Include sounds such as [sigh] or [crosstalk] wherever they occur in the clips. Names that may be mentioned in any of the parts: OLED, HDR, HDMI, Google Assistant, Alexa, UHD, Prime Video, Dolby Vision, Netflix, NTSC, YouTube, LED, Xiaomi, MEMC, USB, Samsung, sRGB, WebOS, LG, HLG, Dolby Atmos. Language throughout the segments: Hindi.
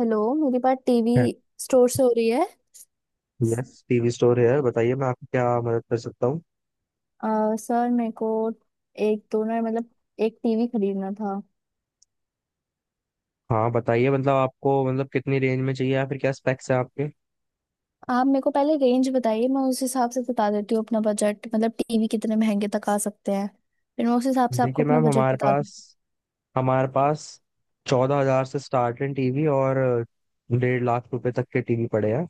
हेलो, मेरी बात टीवी स्टोर से हो रही है। यस टीवी स्टोर है यार, बताइए मैं आपकी क्या मदद कर सकता हूँ। सर मेरे को एक दोनों मतलब एक टीवी खरीदना था। हाँ बताइए, मतलब आपको मतलब कितनी रेंज में चाहिए या फिर क्या स्पेक्स है आपके। आप मेरे को पहले रेंज बताइए, मैं उस हिसाब से बता देती हूँ अपना बजट। मतलब टीवी कितने महंगे तक आ सकते हैं, फिर मैं उस हिसाब से आपको देखिए अपना मैम, बजट हमारे बता दूँ। पास हमारे पास 14,000 से स्टार्ट है टीवी और 1,50,000 रुपए तक के टीवी पड़े हैं।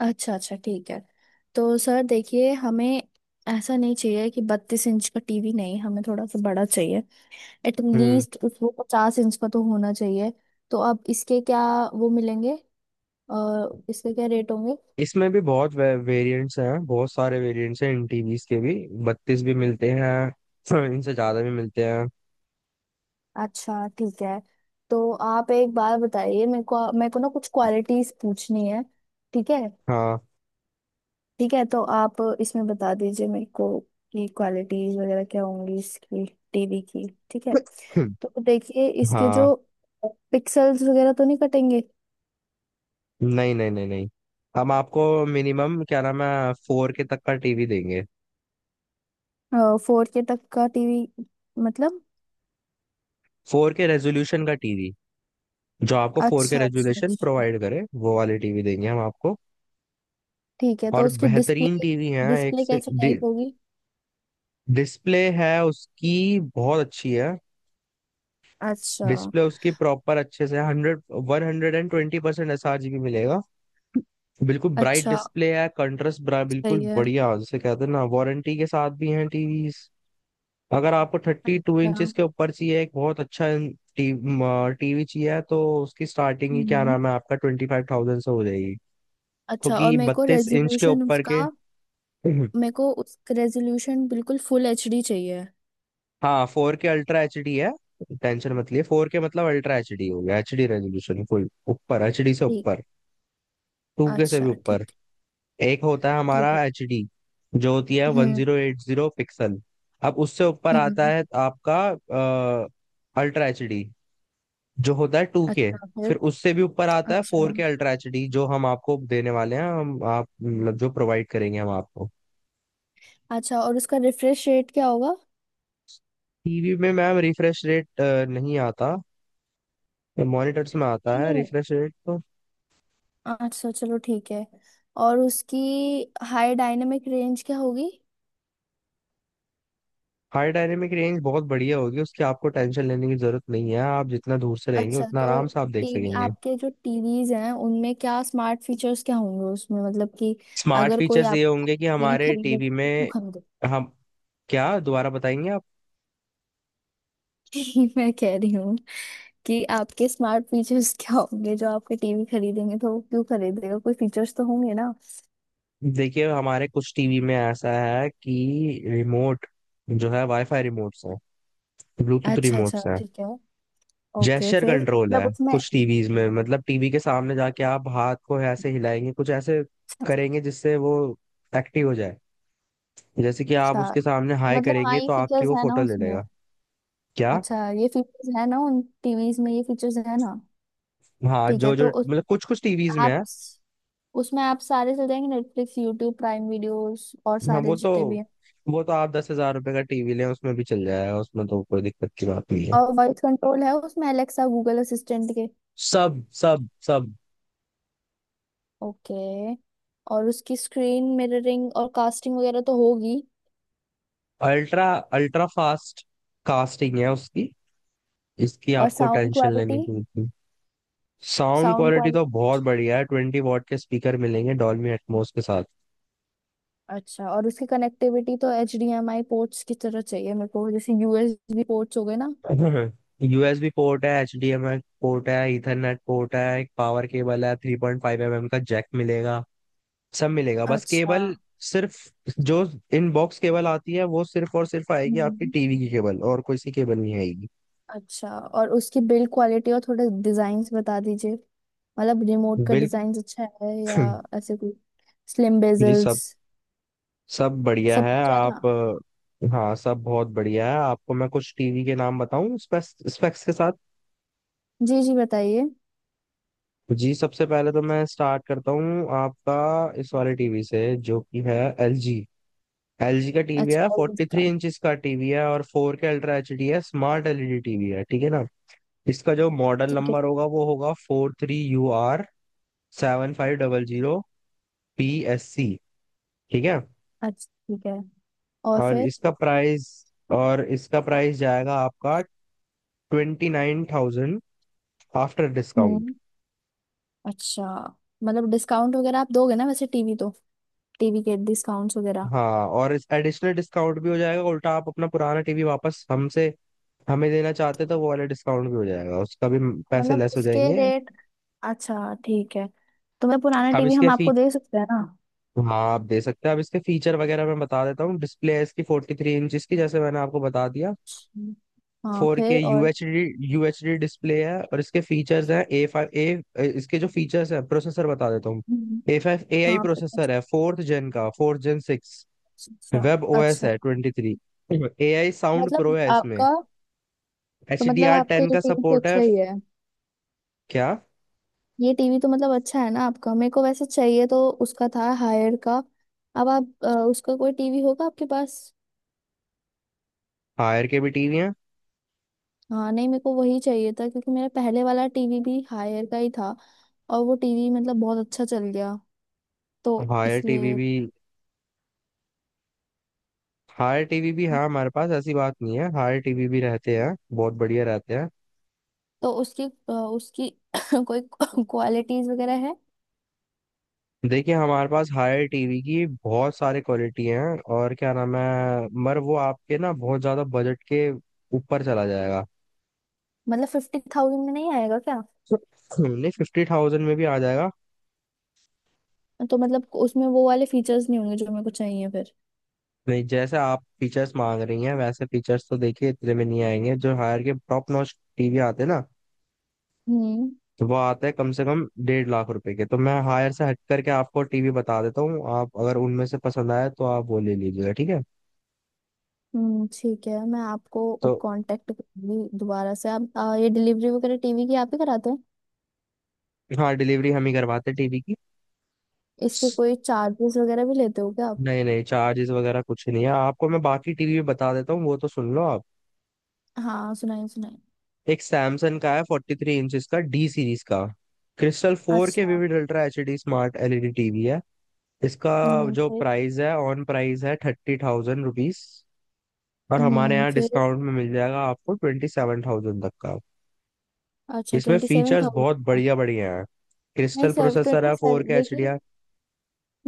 अच्छा अच्छा, ठीक है। तो सर देखिए, हमें ऐसा नहीं चाहिए कि 32 इंच का टीवी, नहीं हमें थोड़ा सा बड़ा चाहिए। हम्म एटलीस्ट उसको 50 इंच का तो होना चाहिए। तो अब इसके क्या वो मिलेंगे, और इसके क्या रेट होंगे? इसमें भी बहुत वेरिएंट्स हैं, बहुत सारे वेरिएंट्स हैं इन टीवीज के भी। 32 भी मिलते हैं [clears throat] इनसे ज्यादा भी मिलते हैं। अच्छा, ठीक है। तो आप एक बार बताइए मेरे को, ना कुछ क्वालिटीज पूछनी है। ठीक है। हाँ। ठीक है, तो आप इसमें बता दीजिए मेरे को कि क्वालिटीज वगैरह क्या होंगी इसकी, टीवी की, ठीक है। [clears throat] तो देखिए इसके हाँ। जो पिक्सल्स वगैरह तो नहीं कटेंगे। नहीं नहीं नहीं नहीं। हम आपको मिनिमम क्या नाम है फोर के तक का टीवी देंगे। 4K तक का टीवी मतलब। फोर के रेजोल्यूशन का टीवी, जो आपको फोर के अच्छा अच्छा रेजोल्यूशन अच्छा, प्रोवाइड करे वो वाली टीवी देंगे हम आपको। ठीक है। तो और उसकी डिस्प्ले, बेहतरीन टीवी है एक डिस्प्ले से कैसे टाइप होगी? डिस्प्ले है उसकी बहुत अच्छी है। अच्छा। डिस्प्ले उसकी प्रॉपर अच्छे से hundred 120% S R G B मिलेगा। बिल्कुल ब्राइट अच्छा। डिस्प्ले है, कंट्रास्ट बिल्कुल सही है। बढ़िया। जैसे कहते हैं ना, वारंटी के साथ भी है टीवी। अगर आपको 32 इंचेस के ऊपर चाहिए, एक बहुत अच्छा टीवी चाहिए, तो उसकी स्टार्टिंग ही क्या अच्छा। नाम है आपका 25,000 से हो जाएगी, अच्छा, और क्योंकि मेरे को 32 इंच के रेजोल्यूशन ऊपर के। उसका, हम्म। मेरे को उस रेजोल्यूशन बिल्कुल फुल एचडी चाहिए। हाँ, four K ultra H D है। टेंशन मत लिए, फोर के मतलब अल्ट्रा एच डी हो गया। एच डी रेजोल्यूशन फुल ऊपर, एच डी से ठीक। ऊपर, टू के से अच्छा, भी ऊपर। ठीक। एक होता है ठीक है। हमारा एच डी, जो होती है one hmm. Zero eight zero pixel. अब उससे ऊपर आता हम्म। है आपका अल्ट्रा एच डी, जो होता है टू के। अच्छा फिर फिर। उससे भी ऊपर आता है अच्छा। Four K ultra H D, जो हम आपको देने वाले हैं, हम आप मतलब जो प्रोवाइड करेंगे हम आपको। अच्छा, और उसका रिफ्रेश रेट क्या होगा? टीवी में मैम रिफ्रेश रेट नहीं आता, मॉनिटर्स में आता नहीं है नहीं। रिफ्रेश रेट तो। अच्छा, चलो ठीक है। और उसकी हाई डायनेमिक रेंज क्या होगी? हाई डायनेमिक रेंज बहुत बढ़िया होगी उसकी, आपको टेंशन लेने की जरूरत नहीं है। आप जितना दूर से रहेंगे अच्छा, उतना तो आराम से आप देख टीवी, सकेंगे। आपके जो टीवीज हैं उनमें क्या स्मार्ट फीचर्स क्या होंगे उसमें, मतलब कि स्मार्ट अगर कोई फीचर्स आप ये होंगे कि टीवी हमारे खरीदेगा टीवी तो में। क्यों खरीदे? हम क्या दोबारा बताएंगे आप? [laughs] मैं कह रही हूँ कि आपके स्मार्ट फीचर्स [laughs] क्या होंगे, जो आपके टीवी खरीदेंगे तो वो क्यों खरीदेगा, कोई फीचर्स तो होंगे ना? देखिए हमारे कुछ टीवी में ऐसा है कि रिमोट जो है वाईफाई रिमोट है, ब्लूटूथ अच्छा रिमोट अच्छा, है। ठीक है। ओके, जेस्चर फिर कंट्रोल है मतलब उसमें। कुछ टीवीज में, मतलब टीवी के सामने जाके आप हाथ को ऐसे हिलाएंगे, कुछ ऐसे करेंगे जिससे वो एक्टिव हो जाए। जैसे कि आप अच्छा। उसके सामने हाई मतलब, हाँ, करेंगे ये तो आपकी फीचर्स वो है ना फोटो ले उसमें? लेगा। क्या? अच्छा, ये फीचर्स है ना उन टीवीज में, ये फीचर्स है ना? हाँ, ठीक है, जो जो तो मतलब उसमें कुछ कुछ टीवीज में आप, है। सारे चल जाएंगे नेटफ्लिक्स, यूट्यूब, प्राइम वीडियोस, और हाँ, सारे वो तो जितने भी हैं। वो तो आप ₹10,000 का टीवी लें उसमें भी चल जाएगा, उसमें तो कोई दिक्कत की बात नहीं है। और वॉइस कंट्रोल है उसमें, अलेक्सा, गूगल असिस्टेंट के? सब सब सब। ओके। और उसकी स्क्रीन मिररिंग और कास्टिंग वगैरह तो होगी? अल्ट्रा अल्ट्रा फास्ट कास्टिंग है उसकी, इसकी और आपको साउंड टेंशन लेने क्वालिटी? की। साउंड साउंड क्वालिटी तो क्वालिटी। बहुत बढ़िया है, 20 वॉट के स्पीकर मिलेंगे डॉल्बी एटमॉस के साथ। अच्छा, और उसकी कनेक्टिविटी तो H D M I ports की तरह चाहिए मेरे को, जैसे यूएसबी पोर्ट्स हो गए ना। [laughs] यूएसबी पोर्ट है, एचडीएमआई पोर्ट है, ईथरनेट पोर्ट है, एक पावर केबल है, 3.5 mm का जैक मिलेगा। सब मिलेगा बस अच्छा। केबल। सिर्फ जो इनबॉक्स केबल आती है वो सिर्फ और सिर्फ आएगी आपकी हम्म। टीवी की केबल, और कोई सी केबल नहीं आएगी। अच्छा, और उसकी बिल्ड क्वालिटी और थोड़े डिजाइन बता दीजिए, मतलब रिमोट का डिजाइन अच्छा है या बिल्कुल। ऐसे कोई स्लिम जी, बेजल्स? सब सब बढ़िया सब है कुछ है ना? आप। हाँ, सब बहुत बढ़िया है। आपको मैं कुछ टीवी के नाम बताऊं स्पेक्स स्पेक्स के साथ? जी जी बताइए। जी, सबसे पहले तो मैं स्टार्ट करता हूँ आपका इस वाले टीवी से, जो कि है LG LG का टीवी है, अच्छा, LED फोर्टी का। थ्री इंच का टीवी है, और four K ultra H D है, स्मार्ट एलईडी टीवी है, ठीक है ना। इसका जो मॉडल ठीक है। नंबर होगा वो होगा 43UR7500PSC, ठीक है। अच्छा, ठीक है। और और फिर? इसका प्राइस और इसका प्राइस जाएगा आपका 29,000 आफ्टर डिस्काउंट। हम्म। अच्छा। मतलब डिस्काउंट वगैरह आप दोगे ना वैसे टीवी तो, टीवी के डिस्काउंट्स वगैरह? हाँ, और इस एडिशनल डिस्काउंट भी हो जाएगा। उल्टा आप अपना पुराना टीवी वापस हमसे हमें देना चाहते तो वो वाला डिस्काउंट भी हो जाएगा उसका भी, तो पैसे मतलब लेस हो उसके जाएंगे। रेट। अच्छा, ठीक है। तो मैं पुराना अब टीवी, हम इसके फी आपको दे सकते हैं ना? हाँ आप दे सकते हैं। अब इसके फीचर वगैरह मैं बता देता हूँ। डिस्प्ले है इसकी 43 इंच की, जैसे मैंने आपको बता दिया। हम्म। हाँ फोर के फिर और। यूएचडी, डिस्प्ले है। और इसके फीचर्स हैं ए फाइव ए इसके जो फीचर्स हैं, प्रोसेसर बता देता हूँ। हम्म। A5 AI अच्छा। प्रोसेसर है, 4th Gen 6 अच्छा वेब ओएस अच्छा। है 23। ए आई साउंड प्रो मतलब है इसमें, आपका, तो एच डी मतलब आर आपका टेन ये का टीवी तो सपोर्ट है। अच्छा ही है। क्या? ये टीवी तो मतलब अच्छा है ना आपका, मेरे को वैसे चाहिए तो उसका था हायर का। अब आप, उसका कोई टीवी होगा आपके पास? हायर के भी टीवी है। हाँ नहीं, मेरे को वही चाहिए था क्योंकि मेरा पहले वाला टीवी भी हायर का ही था, और वो टीवी मतलब बहुत अच्छा चल गया तो हायर टीवी इसलिए। भी हायर टीवी भी हाँ, है हमारे पास, ऐसी बात नहीं है। हायर टीवी भी रहते हैं, बहुत बढ़िया रहते हैं। तो उसकी, उसकी [coughs] कोई क्वालिटीज वगैरह है? देखिए हमारे पास हायर टीवी की बहुत सारे क्वालिटी हैं, और क्या नाम है, मगर वो आपके ना बहुत ज्यादा बजट के ऊपर चला जाएगा। मतलब 50,000 में नहीं आएगा क्या? नहीं, 50,000 में भी आ जाएगा। तो मतलब उसमें वो वाले फीचर्स नहीं होंगे जो मेरे को चाहिए फिर? नहीं, जैसे आप फीचर्स मांग रही हैं वैसे फीचर्स तो देखिए इतने में नहीं आएंगे, जो हायर के टॉप नॉच टीवी आते हैं ना, हम्म। तो वो आते हैं कम से कम ₹1,50,000 के। तो मैं हायर से हट करके आपको टीवी बता देता हूँ, आप अगर उनमें से पसंद आए तो आप वो ले लीजिएगा, ठीक है। ठीक है। मैं आपको तो कांटेक्ट करूंगी दोबारा से। आप, ये डिलीवरी वगैरह टीवी की आप ही कराते हैं? हाँ, डिलीवरी हम ही करवाते टीवी की। इसके कोई चार्जेस वगैरह भी लेते हो क्या आप? नहीं नहीं, चार्जेस वगैरह कुछ नहीं है। आपको मैं बाकी टीवी भी बता देता हूँ, वो तो सुन लो आप। हाँ सुनाइए सुनाइए। एक सैमसंग का है 43 इंचज का, डी सीरीज का क्रिस्टल फोर के अच्छा। Vivid ultra H D smart LED TV है। इसका जो फिर। प्राइस है ऑन प्राइस है ₹30,000, और हमारे यहाँ फिर। डिस्काउंट में मिल जाएगा आपको 27,000 तक का। अच्छा, इसमें ट्वेंटी सेवन फीचर्स थाउजेंड बहुत का? बढ़िया बढ़िया है, नहीं क्रिस्टल सर, प्रोसेसर ट्वेंटी है, फोर सेवन के एच डी। देखिए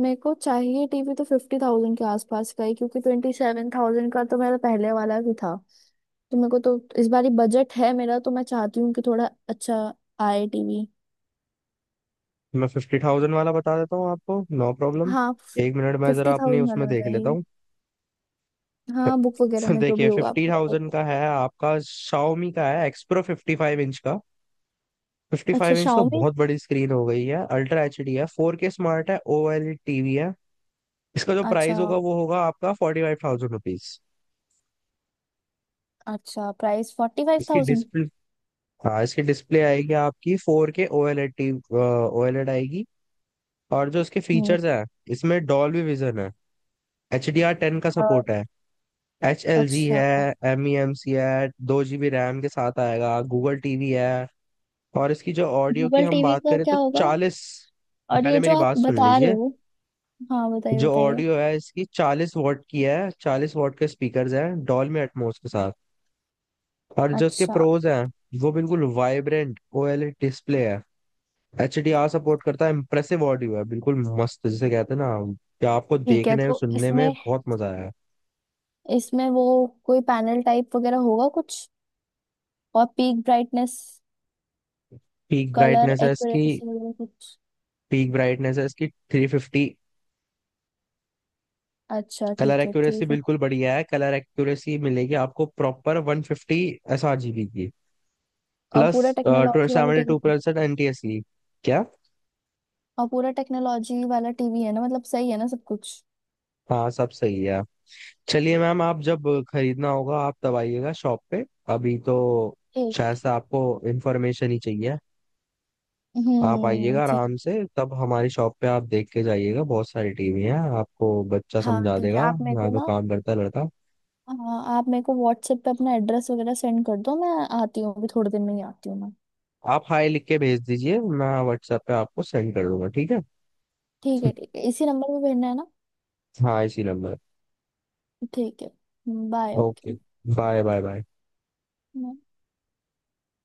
मेरे को चाहिए टीवी तो 50,000 के आसपास का ही, क्योंकि 27,000 का तो मेरा पहले वाला भी था। तो मेरे को तो इस बार बजट है मेरा, तो मैं चाहती हूँ कि थोड़ा अच्छा आए टीवी। मैं 50,000 वाला बता देता हूँ आपको, नो प्रॉब्लम। हाँ, एक मिनट मैं फिफ्टी जरा अपनी थाउजेंड वाला उसमें देख लेता बताइए। हूँ। हाँ, बुक वगैरह [laughs] में जो भी देखिए होगा आप फिफ्टी बता थाउजेंड दो। का है आपका शाओमी का, है एक्सप्रो, फिफ्टी अच्छा, फाइव इंच तो शाओमी। बहुत बड़ी स्क्रीन हो गई है। अल्ट्रा एच डी है, फोर के स्मार्ट है, ओएलईडी टीवी है। इसका जो अच्छा। प्राइस होगा वो होगा आपका ₹45,000। अच्छा, प्राइस फोर्टी फाइव इसकी थाउजेंड डिस्प्ले, हाँ इसकी डिस्प्ले आएगी आपकी फोर के ओएलईडी, आएगी। और जो इसके हम्म। फीचर्स हैं, इसमें डॉल्बी विजन है, HDR10 का अ, सपोर्ट है, एच एल जी अच्छा, है, एम ई एम सी है, 2 GB रैम के साथ आएगा, गूगल टीवी है। और इसकी जो ऑडियो की गूगल हम टीवी बात का करें क्या तो होगा? 40, और ये पहले जो मेरी आप बात सुन बता रहे लीजिए। हो? हाँ बताइए जो बताइए। ऑडियो है इसकी 40 वॉट की है, 40 वॉट के स्पीकर्स हैं डॉल्बी एटमॉस के साथ। और जो इसके अच्छा, प्रोज हैं, वो बिल्कुल वाइब्रेंट ओएलईडी डिस्प्ले है, एच डी आर सपोर्ट करता है, इम्प्रेसिव ऑडियो है, बिल्कुल मस्त, जिसे कहते हैं ना, कि आपको ठीक है। देखने और तो सुनने में इसमें, बहुत मजा आया। वो कोई पैनल टाइप वगैरह होगा कुछ? और peak brightness, peak colour brightness है इसकी एक्यूरेसी वगैरह कुछ? पीक ब्राइटनेस है इसकी 350। अच्छा, कलर ठीक है एक्यूरेसी ठीक है। बिल्कुल बढ़िया है, कलर एक्यूरेसी मिलेगी आपको proper 150 S R G B की और प्लस पूरा टेक्नोलॉजी वाला seventy two TV. Percent N T S की। क्या? और पूरा टेक्नोलॉजी वाला टीवी है ना, मतलब सही है ना सब कुछ? हाँ, सब सही है। चलिए मैम, आप जब खरीदना होगा आप तब आइएगा शॉप पे। अभी तो ठीक शायद है। से आपको इन्फॉर्मेशन ही चाहिए। आप हम्म, आइएगा ठीक। आराम से, तब हमारी शॉप पे आप देख के जाइएगा, बहुत सारी टीवी हैं। आपको बच्चा हाँ समझा ठीक है, देगा, आप मेरे को यहाँ तो ना, काम करता है लड़का। हाँ आप मेरे को व्हाट्सएप पे अपना एड्रेस वगैरह सेंड कर दो। मैं आती हूँ, अभी थोड़ी देर में ही आती हूँ मैं। आप हाय लिख के भेज दीजिए, मैं व्हाट्सएप पे आपको सेंड कर दूंगा, ठीक है। ठीक है ठीक है, इसी नंबर पे भेजना है ना? [laughs] हाँ, इसी नंबर। ठीक है। Bye, okay, okay. Bye bye bye.